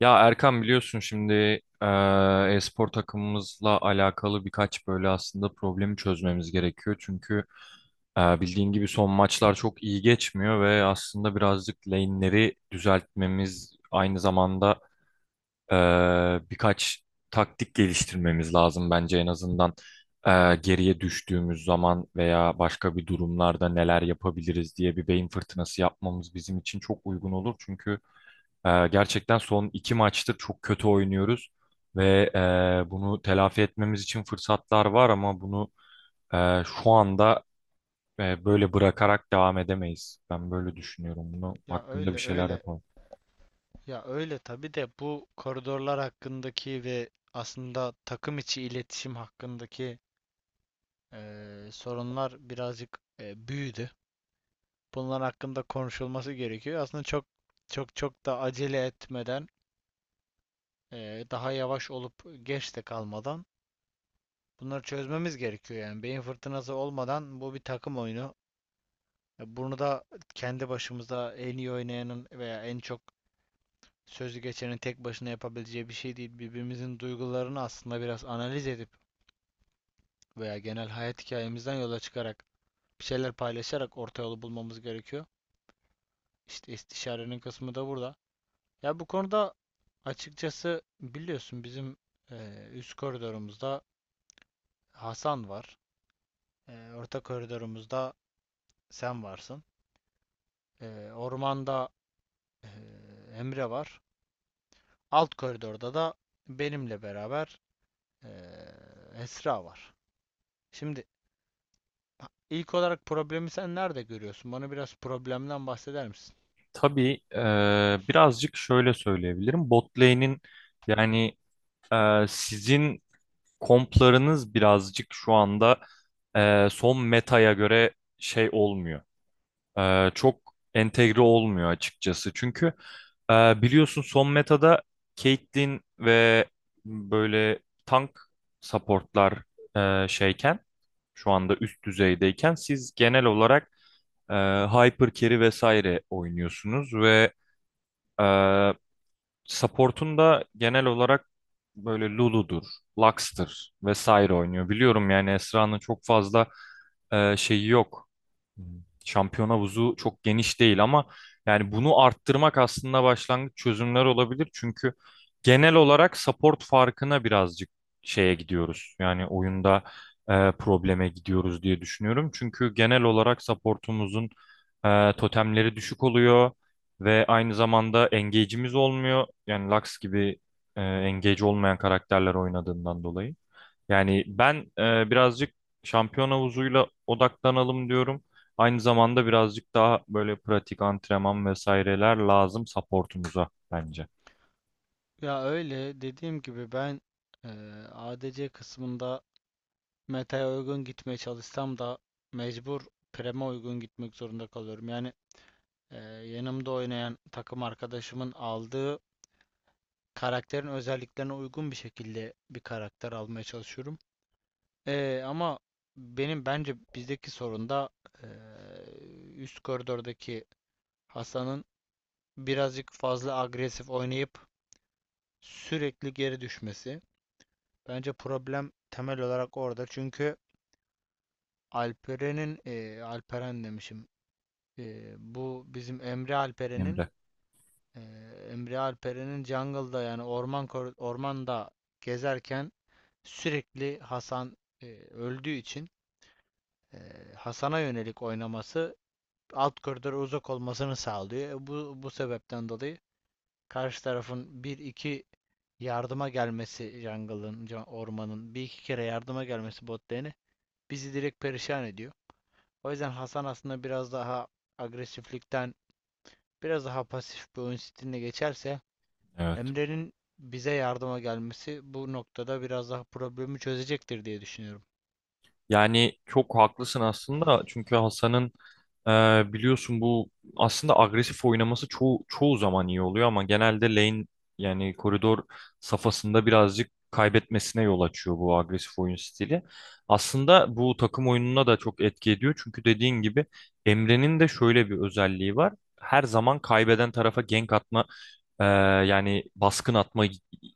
Ya Erkan biliyorsun şimdi eee, e-spor takımımızla alakalı birkaç böyle aslında problemi çözmemiz gerekiyor. Çünkü bildiğin gibi son maçlar çok iyi geçmiyor ve aslında birazcık lane'leri düzeltmemiz aynı zamanda birkaç taktik geliştirmemiz lazım bence en azından geriye düştüğümüz zaman veya başka bir durumlarda neler yapabiliriz diye bir beyin fırtınası yapmamız bizim için çok uygun olur. Çünkü gerçekten son iki maçtır çok kötü oynuyoruz ve bunu telafi etmemiz için fırsatlar var ama bunu şu anda böyle bırakarak devam edemeyiz. Ben böyle düşünüyorum. Bunu Ya hakkında öyle bir şeyler öyle. yapalım. Ya öyle tabii de bu koridorlar hakkındaki ve aslında takım içi iletişim hakkındaki sorunlar birazcık büyüdü. Bunlar hakkında konuşulması gerekiyor. Aslında çok çok da acele etmeden, daha yavaş olup geç de kalmadan bunları çözmemiz gerekiyor. Yani beyin fırtınası olmadan bu bir takım oyunu. Bunu da kendi başımıza en iyi oynayanın veya en çok sözlü geçenin tek başına yapabileceği bir şey değil. Birbirimizin duygularını aslında biraz analiz edip veya genel hayat hikayemizden yola çıkarak bir şeyler paylaşarak orta yolu bulmamız gerekiyor. İşte istişarenin kısmı da burada. Ya bu konuda açıkçası biliyorsun bizim üst koridorumuzda Hasan var. Orta koridorumuzda sen varsın. Ormanda e, Emre var. Alt koridorda da benimle beraber e, Esra var. Şimdi İlk olarak problemi sen nerede görüyorsun? Bana biraz problemden bahseder misin? Tabii birazcık şöyle söyleyebilirim. Bot lane'in yani sizin komplarınız birazcık şu anda son metaya göre şey olmuyor. Çok entegre olmuyor açıkçası. Çünkü biliyorsun son metada Caitlyn ve böyle tank supportlar şeyken şu anda üst düzeydeyken siz genel olarak e, hyper carry vesaire oynuyorsunuz ve e, Support'un da genel olarak böyle Lulu'dur, Lux'tır vesaire oynuyor. Biliyorum yani Esra'nın çok fazla şeyi yok. Şampiyon havuzu çok geniş değil ama yani bunu arttırmak aslında başlangıç çözümler olabilir. Çünkü genel olarak support farkına birazcık şeye gidiyoruz. Yani oyunda probleme gidiyoruz diye düşünüyorum. Çünkü genel olarak supportumuzun totemleri düşük oluyor. Ve aynı zamanda engage'imiz olmuyor. Yani Lux gibi engage olmayan karakterler oynadığından dolayı. Yani ben birazcık şampiyon havuzuyla odaklanalım diyorum. Aynı zamanda birazcık daha böyle pratik antrenman vesaireler lazım supportumuza bence. Ya öyle dediğim gibi ben eee, ADC kısmında meta'ya uygun gitmeye çalışsam da mecbur prem'e uygun gitmek zorunda kalıyorum. Yani yanımda oynayan takım arkadaşımın aldığı karakterin özelliklerine uygun bir şekilde bir karakter almaya çalışıyorum. Ama benim bence bizdeki sorun da üst koridordaki Hasan'ın birazcık fazla agresif oynayıp sürekli geri düşmesi. Bence problem temel olarak orada. Çünkü Alperen'in, Alperen demişim. Bu bizim Emre Alperen'in, Emre. e, Emre Alperen'in jungle'da, yani ormanda gezerken sürekli Hasan öldüğü için, e, Hasan'a yönelik oynaması alt koridora uzak olmasını sağlıyor. Bu sebepten dolayı karşı tarafın bir iki yardıma gelmesi, ormanın bir iki kere yardıma gelmesi bot lane'e bizi direkt perişan ediyor. O yüzden Hasan aslında biraz daha agresiflikten biraz daha pasif bir oyun stiline geçerse, Evet. Emre'nin bize yardıma gelmesi bu noktada biraz daha problemi çözecektir diye düşünüyorum. Yani çok haklısın aslında çünkü Hasan'ın biliyorsun bu aslında agresif oynaması çoğu zaman iyi oluyor ama genelde lane yani koridor safhasında birazcık kaybetmesine yol açıyor bu agresif oyun stili. Aslında bu takım oyununa da çok etki ediyor çünkü dediğin gibi Emre'nin de şöyle bir özelliği var. Her zaman kaybeden tarafa gank atma ee, yani baskın atma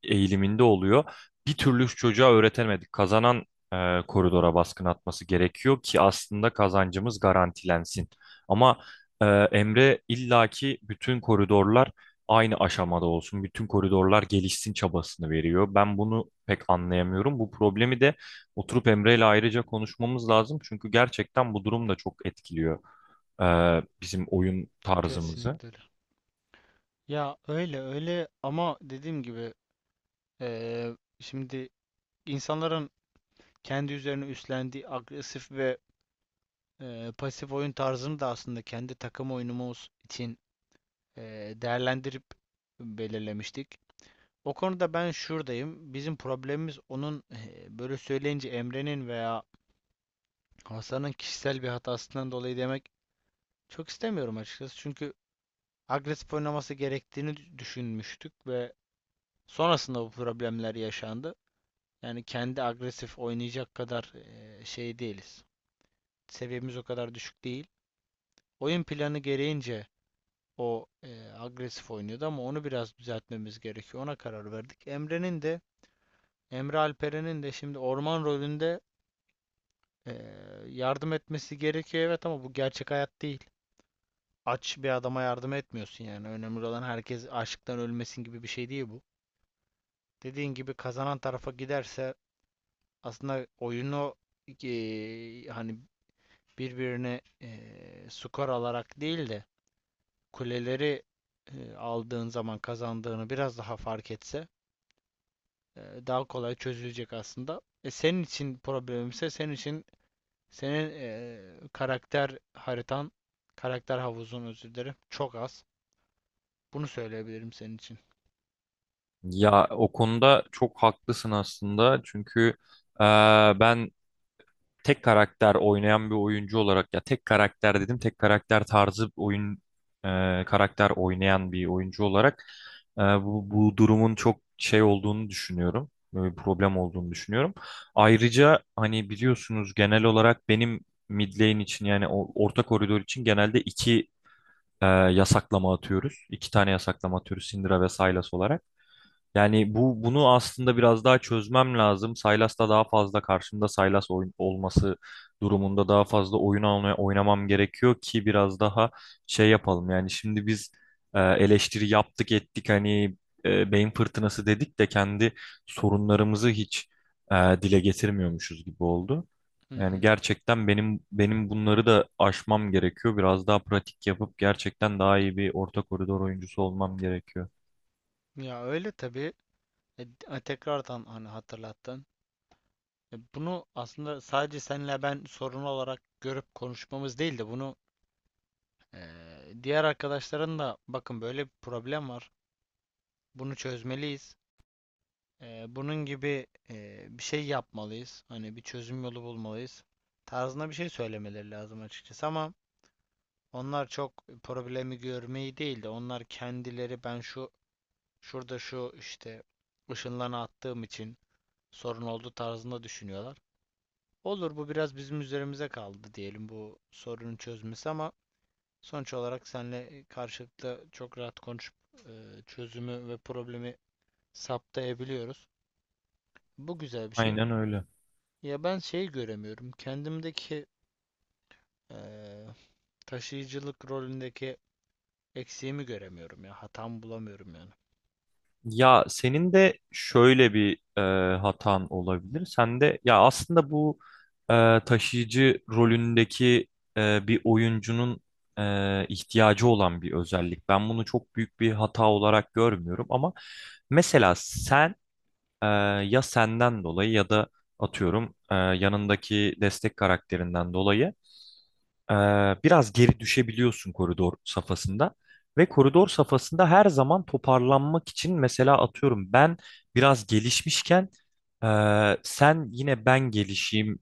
eğiliminde oluyor. Bir türlü çocuğa öğretemedik. Kazanan koridora baskın atması gerekiyor ki aslında kazancımız garantilensin. Ama e, Emre illaki bütün koridorlar aynı aşamada olsun, bütün koridorlar gelişsin çabasını veriyor. Ben bunu pek anlayamıyorum. Bu problemi de oturup Emre ile ayrıca konuşmamız lazım. Çünkü gerçekten bu durum da çok etkiliyor e, bizim oyun tarzımızı. Kesinlikle öyle. Ya öyle öyle ama dediğim gibi şimdi insanların kendi üzerine üstlendiği agresif ve pasif oyun tarzını da aslında kendi takım oyunumuz için değerlendirip belirlemiştik. O konuda ben şuradayım. Bizim problemimiz, onun böyle söyleyince Emre'nin veya Hasan'ın kişisel bir hatasından dolayı demek çok istemiyorum açıkçası. Çünkü agresif oynaması gerektiğini düşünmüştük ve sonrasında bu problemler yaşandı. Yani kendi agresif oynayacak kadar şey değiliz. Seviyemiz o kadar düşük değil. Oyun planı gereğince o agresif oynuyordu ama onu biraz düzeltmemiz gerekiyor. Ona karar verdik. Emre'nin de Emre Alperen'in de şimdi orman rolünde e, yardım etmesi gerekiyor evet, ama bu gerçek hayat değil. Aç bir adama yardım etmiyorsun yani. Önemli olan herkes açlıktan ölmesin gibi bir şey değil bu. Dediğin gibi kazanan tarafa giderse, aslında oyunu hani birbirine skor alarak değil de kuleleri aldığın zaman kazandığını biraz daha fark etse daha kolay çözülecek aslında. Senin için problemimse, senin için senin karakter haritan, karakter havuzun, özür dilerim, çok az. Bunu söyleyebilirim senin için. Ya o konuda çok haklısın aslında çünkü ben tek karakter oynayan bir oyuncu olarak ya tek karakter dedim tek karakter tarzı oyun karakter oynayan bir oyuncu olarak bu durumun çok şey olduğunu düşünüyorum. Böyle bir problem olduğunu düşünüyorum. Ayrıca hani biliyorsunuz genel olarak benim mid lane için yani o orta koridor için genelde iki yasaklama atıyoruz. İki tane yasaklama atıyoruz Syndra ve Sylas olarak. Yani bunu aslında biraz daha çözmem lazım. Saylas'ta daha fazla karşımda Saylas oyun olması durumunda daha fazla oyun almaya oynamam gerekiyor ki biraz daha şey yapalım. Yani şimdi biz eleştiri yaptık ettik hani beyin fırtınası dedik de kendi sorunlarımızı hiç e, dile getirmiyormuşuz gibi oldu. Hı hı. Yani gerçekten benim bunları da aşmam gerekiyor. Biraz daha pratik yapıp gerçekten daha iyi bir orta koridor oyuncusu olmam gerekiyor. Ya öyle tabii. Tekrardan hani hatırlattın. Bunu aslında sadece senle ben sorun olarak görüp konuşmamız değil de, bunu e, diğer arkadaşların da: bakın, böyle bir problem var. Bunu çözmeliyiz. Bunun gibi bir şey yapmalıyız. Hani bir çözüm yolu bulmalıyız. Tarzında bir şey söylemeleri lazım açıkçası, ama onlar çok problemi görmeyi değil de, onlar kendileri: ben şu şurada şu işte ışınlarını attığım için sorun oldu, tarzında düşünüyorlar. Olur, bu biraz bizim üzerimize kaldı diyelim bu sorunun çözmesi, ama sonuç olarak seninle karşılıklı çok rahat konuşup çözümü ve problemi saptayabiliyoruz. Bu güzel bir şey. Aynen öyle. Ya ben şey göremiyorum. Kendimdeki eee, taşıyıcılık rolündeki eksiğimi göremiyorum ya. Hatamı bulamıyorum yani. Ya senin de şöyle bir hatan olabilir. Sen de ya aslında bu taşıyıcı rolündeki bir oyuncunun ihtiyacı olan bir özellik. Ben bunu çok büyük bir hata olarak görmüyorum ama mesela sen e, ya senden dolayı ya da atıyorum yanındaki destek karakterinden dolayı ee, biraz geri düşebiliyorsun koridor safhasında ve koridor safhasında her zaman toparlanmak için mesela atıyorum ben biraz gelişmişken sen yine ben gelişeyim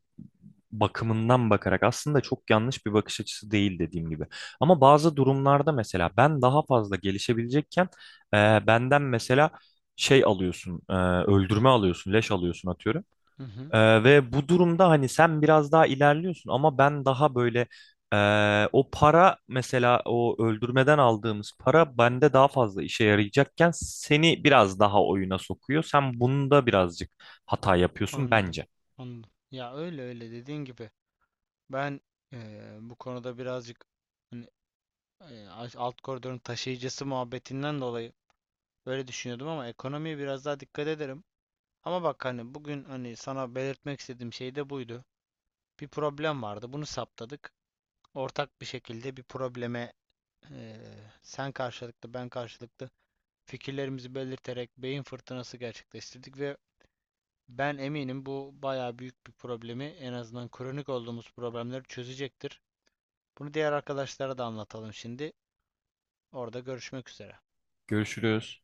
bakımından bakarak aslında çok yanlış bir bakış açısı değil dediğim gibi. Ama bazı durumlarda mesela ben daha fazla gelişebilecekken benden mesela şey alıyorsun, öldürme alıyorsun, leş alıyorsun atıyorum. Hı hı, Ve bu durumda hani sen biraz daha ilerliyorsun ama ben daha böyle o para mesela o öldürmeden aldığımız para bende daha fazla işe yarayacakken seni biraz daha oyuna sokuyor. Sen bunda birazcık hata yapıyorsun anladım. bence. Anladım. Ya öyle öyle dediğin gibi. Ben bu konuda birazcık hani, alt koridorun taşıyıcısı muhabbetinden dolayı böyle düşünüyordum, ama ekonomiye biraz daha dikkat ederim. Ama bak, hani bugün hani sana belirtmek istediğim şey de buydu. Bir problem vardı. Bunu saptadık. Ortak bir şekilde bir probleme eee, sen karşılıklı, ben karşılıklı fikirlerimizi belirterek beyin fırtınası gerçekleştirdik ve ben eminim bu bayağı büyük bir problemi, en azından kronik olduğumuz problemleri çözecektir. Bunu diğer arkadaşlara da anlatalım şimdi. Orada görüşmek üzere. Görüşürüz.